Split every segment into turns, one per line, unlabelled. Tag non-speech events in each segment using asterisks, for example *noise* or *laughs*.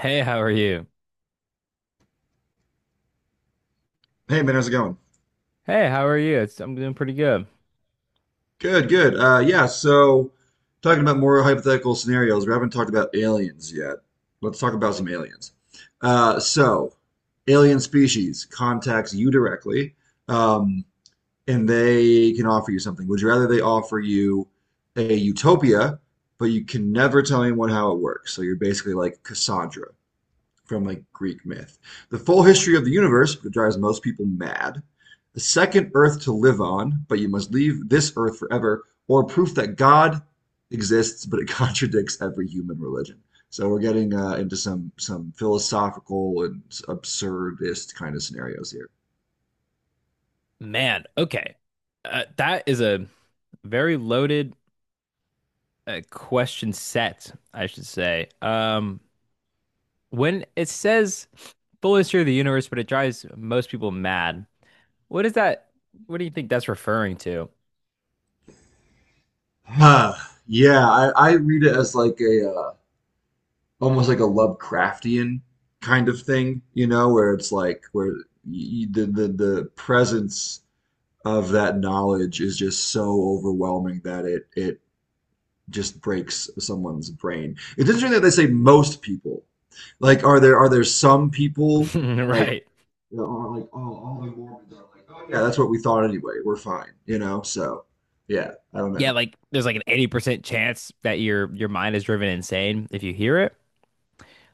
Hey, how are you?
Hey man, how's it going?
Hey, how are you? I'm doing pretty good.
Good, good. Yeah, so talking about more hypothetical scenarios, we haven't talked about aliens yet. Let's talk about some aliens. So, alien species contacts you directly, um, and they can offer you something. Would you rather they offer you a utopia, but you can never tell anyone how it works? So you're basically like Cassandra from like Greek myth. The full history of the universe, which drives most people mad. The second Earth to live on, but you must leave this earth forever, or proof that God exists, but it *laughs* contradicts every human religion. So we're getting into some philosophical and absurdist kind of scenarios here.
Man, okay. That is a very loaded question set, I should say. When it says full history of the universe, but it drives most people mad, what is that? What do you think that's referring to?
Huh. Yeah, I read it as like a almost like a Lovecraftian kind of thing, you know, where it's like where y- the presence of that knowledge is just so overwhelming that it just breaks someone's brain. It's interesting that they say most people. Like, are there some people like
*laughs* Right.
that are like, oh, all the Mormons are like, oh yeah, that's what we thought anyway. We're fine, you know? So, yeah, I don't
Yeah,
know.
like there's like an 80% chance that your mind is driven insane if you hear it.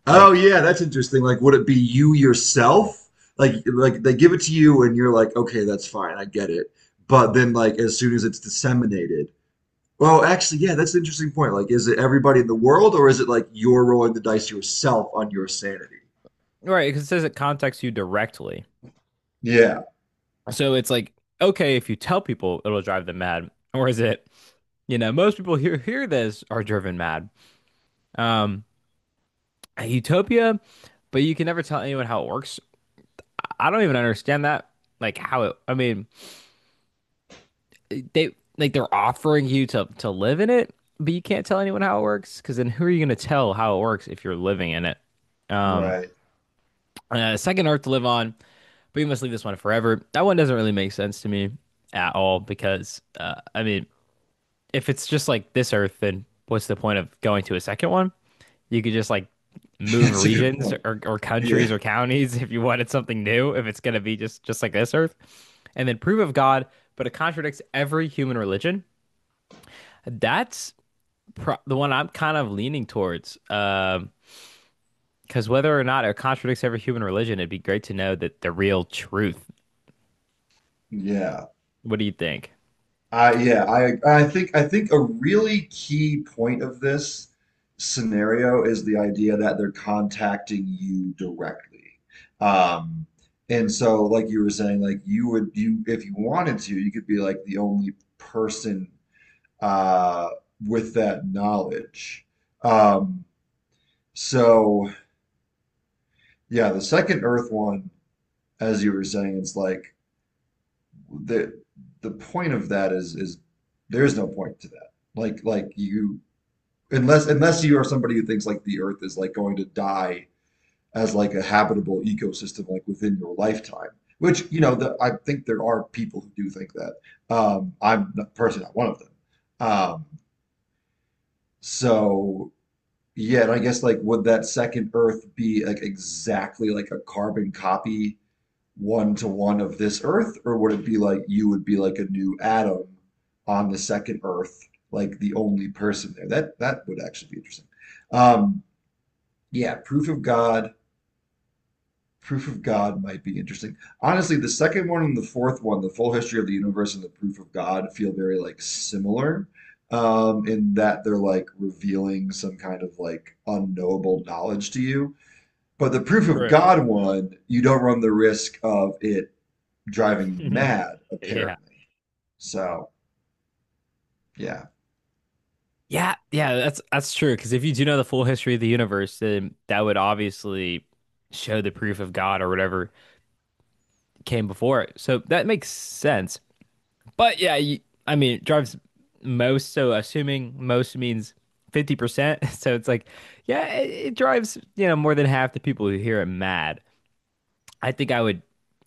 Oh
Like,
yeah, that's interesting. Like, would it be you yourself? Like, they give it to you and you're like, okay, that's fine, I get it. But then, like, as soon as it's disseminated. Well, actually, yeah, that's an interesting point. Like, is it everybody in the world, or is it like you're rolling the dice yourself on your sanity?
right, because it says it contacts you directly.
Yeah,
So it's like, okay, if you tell people, it'll drive them mad. *laughs* Or is it, you know, most people who hear this are driven mad. Um, Utopia, but you can never tell anyone how it works. I don't even understand that. Like how it, I mean, they like they're offering you to live in it, but you can't tell anyone how it works because then who are you going to tell how it works if you're living in it? Um,
right.
Second Earth to live on, but you must leave this one forever. That one doesn't really make sense to me at all because I mean, if it's just like this Earth, then what's the point of going to a second one? You could just like
*laughs*
move
That's a good
regions
point.
or
Yeah,
countries or counties *laughs* if you wanted something new, if it's going to be just like this Earth, and then prove of God, but it contradicts every human religion. That's pro- the one I'm kind of leaning towards. Because whether or not it contradicts every human religion, it'd be great to know that the real truth.
yeah.
What do you think?
I think a really key point of this scenario is the idea that they're contacting you directly. Um, and so like you were saying, like you if you wanted to, you could be like the only person uh, with that knowledge. Um, so yeah, the second Earth one, as you were saying, it's like the the point of that is there's no point to that. Like, you unless you are somebody who thinks like the Earth is like going to die as like a habitable ecosystem like within your lifetime. Which, I think there are people who do think that. I'm personally not one of them. Um, so Yeah, and I guess like would that second Earth be like exactly like a carbon copy one to one of this Earth, or would it be like you would be like a new atom on the second Earth, like the only person there? That would actually be interesting. Um, yeah, proof of God, might be interesting. Honestly, the second one and the fourth one, the full history of the universe and the proof of God, feel very like similar in that they're like revealing some kind of like unknowable knowledge to you. But the proof of
True.
God one, you don't run the risk of it driving you
*laughs*
mad,
Yeah.
apparently. So, yeah,
Yeah, yeah, that's true. Because if you do know the full history of the universe, then that would obviously show the proof of God or whatever came before it. So that makes sense. But yeah, you, I mean, it drives most. So assuming most means 50%. *laughs* So it's like, yeah, it drives, you know, more than half the people who hear it mad. I think I would,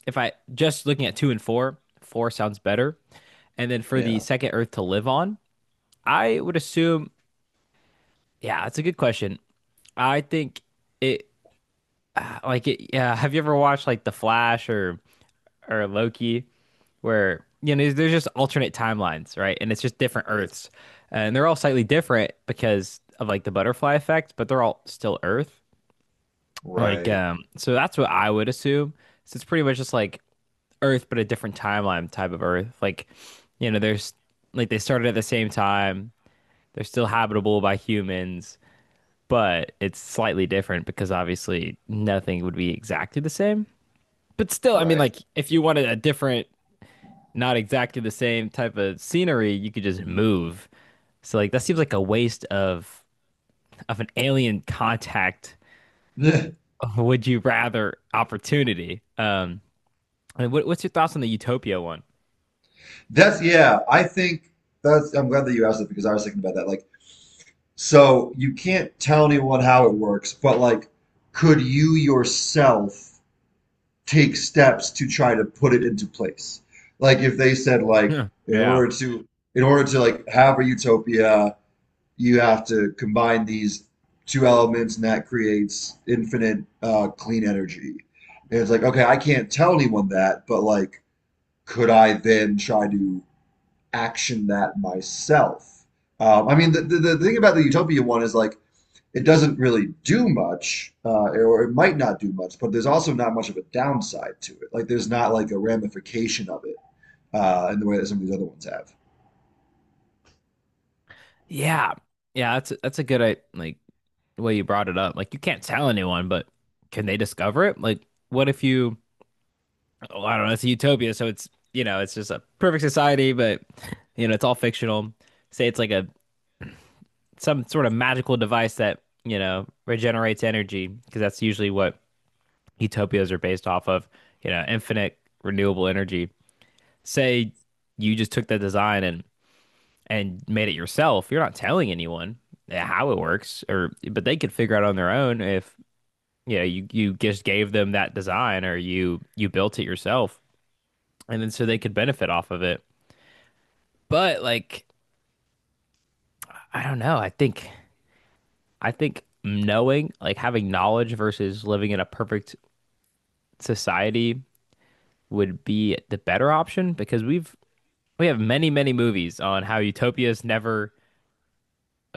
if I just looking at two and four, four sounds better. And then for the
yeah,
second Earth to live on, I would assume. Yeah, that's a good question. I think it like it yeah, have you ever watched like The Flash or Loki where you know there's just alternate timelines, right? And it's just different Earths. And they're all slightly different because of like the butterfly effect, but they're all still Earth. Like
right,
so that's what I would assume. So it's pretty much just like Earth but a different timeline type of Earth. Like you know, there's like they started at the same time. They're still habitable by humans but it's slightly different because obviously nothing would be exactly the same. But still, I mean,
right.
like if you wanted a different, not exactly the same type of scenery, you could just move. So like that seems like a waste of an alien contact.
*laughs*
*laughs* Would you rather opportunity? I mean, what, what's your thoughts on the Utopia one?
Yeah, I think that's, I'm glad that you asked it because I was thinking about that. Like, so you can't tell anyone how it works, but like, could you yourself take steps to try to put it into place? Like, if they said, like,
Yeah,
in
yeah,
order to, in order to like have a utopia, you have to combine these two elements, and that creates infinite clean energy. And it's like, okay, I can't tell anyone that, but like, could I then try to action that myself? I mean, the thing about the utopia one is like it doesn't really do much, or it might not do much, but there's also not much of a downside to it. Like, there's not like a ramification of it in the way that some of these other ones have.
yeah. Yeah, that's a, that's a good like way you brought it up. Like you can't tell anyone, but can they discover it? Like, what if you? Well, I don't know, it's a utopia, so it's you know, it's just a perfect society, but you know, it's all fictional. Say it's like a some sort of magical device that, you know, regenerates energy, because that's usually what utopias are based off of, you know, infinite renewable energy. Say you just took that design and made it yourself. You're not telling anyone how it works or but they could figure out on their own if you know, you just gave them that design or you built it yourself and then so they could benefit off of it. But like, I don't know. I think knowing, like having knowledge versus living in a perfect society would be the better option because we've we have many, many movies on how utopias never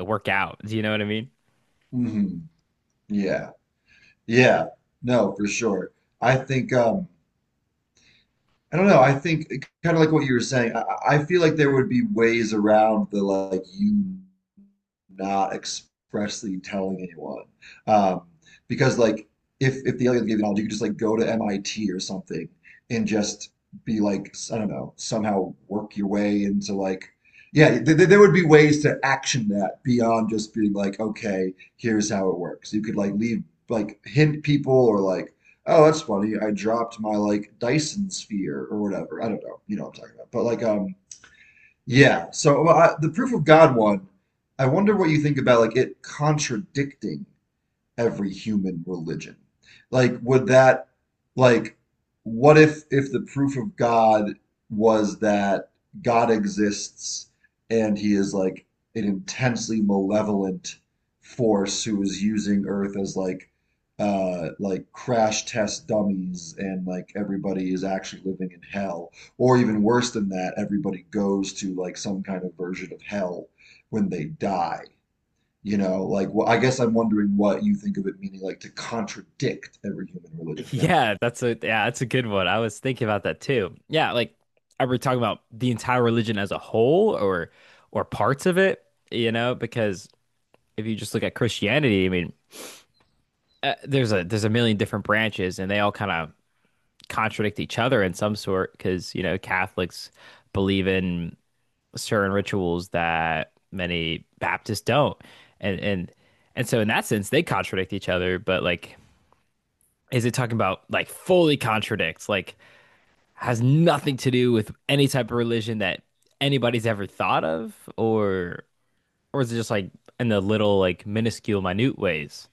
work out. Do you know what I mean? *laughs*
Hmm. Yeah. Yeah, no, for sure. I think I don't know, I think kind of like what you were saying, I feel like there would be ways around the like you not expressly telling anyone. Um, because like if the alien gave you knowledge, you could just like go to MIT or something and just be like, I don't know, somehow work your way into like yeah, th th there would be ways to action that beyond just being like, okay, here's how it works. You could like leave like hint people or like, oh, that's funny, I dropped my like Dyson sphere or whatever. I don't know, you know what I'm talking about. But like yeah. So well, the proof of God one, I wonder what you think about like it contradicting every human religion? Like, like, what if the proof of God was that God exists and he is like an intensely malevolent force who is using Earth as like crash test dummies and like everybody is actually living in hell. Or even worse than that, everybody goes to like some kind of version of hell when they die. You know, like, well, I guess I'm wondering what you think of it meaning like to contradict every human religion, you know?
Yeah, that's a good one. I was thinking about that too. Yeah, like are we talking about the entire religion as a whole or parts of it, you know, because if you just look at Christianity, I mean, there's a million different branches and they all kind of contradict each other in some sort because, you know, Catholics believe in certain rituals that many Baptists don't. And and and so in that sense they contradict each other, but like is it talking about like fully contradicts, like has nothing to do with any type of religion that anybody's ever thought of or is it just like in the little like minuscule minute ways?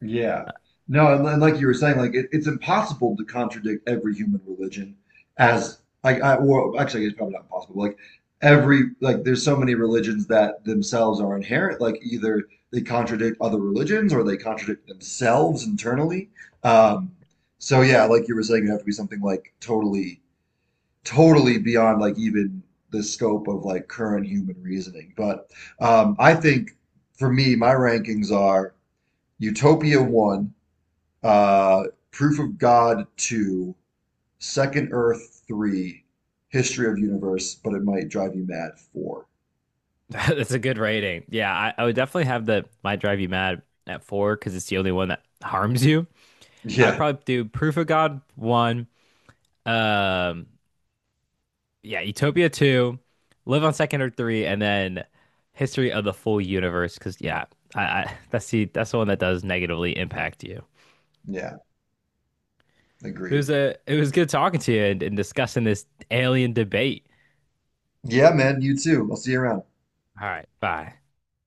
Yeah. No, and like you were saying, like it's impossible to contradict every human religion as like I or actually it's probably not impossible. Like every like there's so many religions that themselves are inherent. Like either they contradict other religions or they contradict themselves internally. Um, so yeah, like you were saying, it would have to be something like totally beyond like even the scope of like current human reasoning. But I think for me, my rankings are Utopia one, uh, Proof of God two, Second Earth three, History of Universe, but it might drive you mad four.
*laughs* That's a good rating. Yeah, I would definitely have the might drive you mad at four because it's the only one that harms you. I'd
Yeah,
probably do Proof of God one, um, yeah, Utopia two, Live on Second or three, and then History of the Full Universe. Because yeah, I that's the one that does negatively impact you.
yeah,
It was
agreed.
a it was good talking to you and discussing this alien debate.
Yeah, man, you too. I'll see you around.
All right, bye.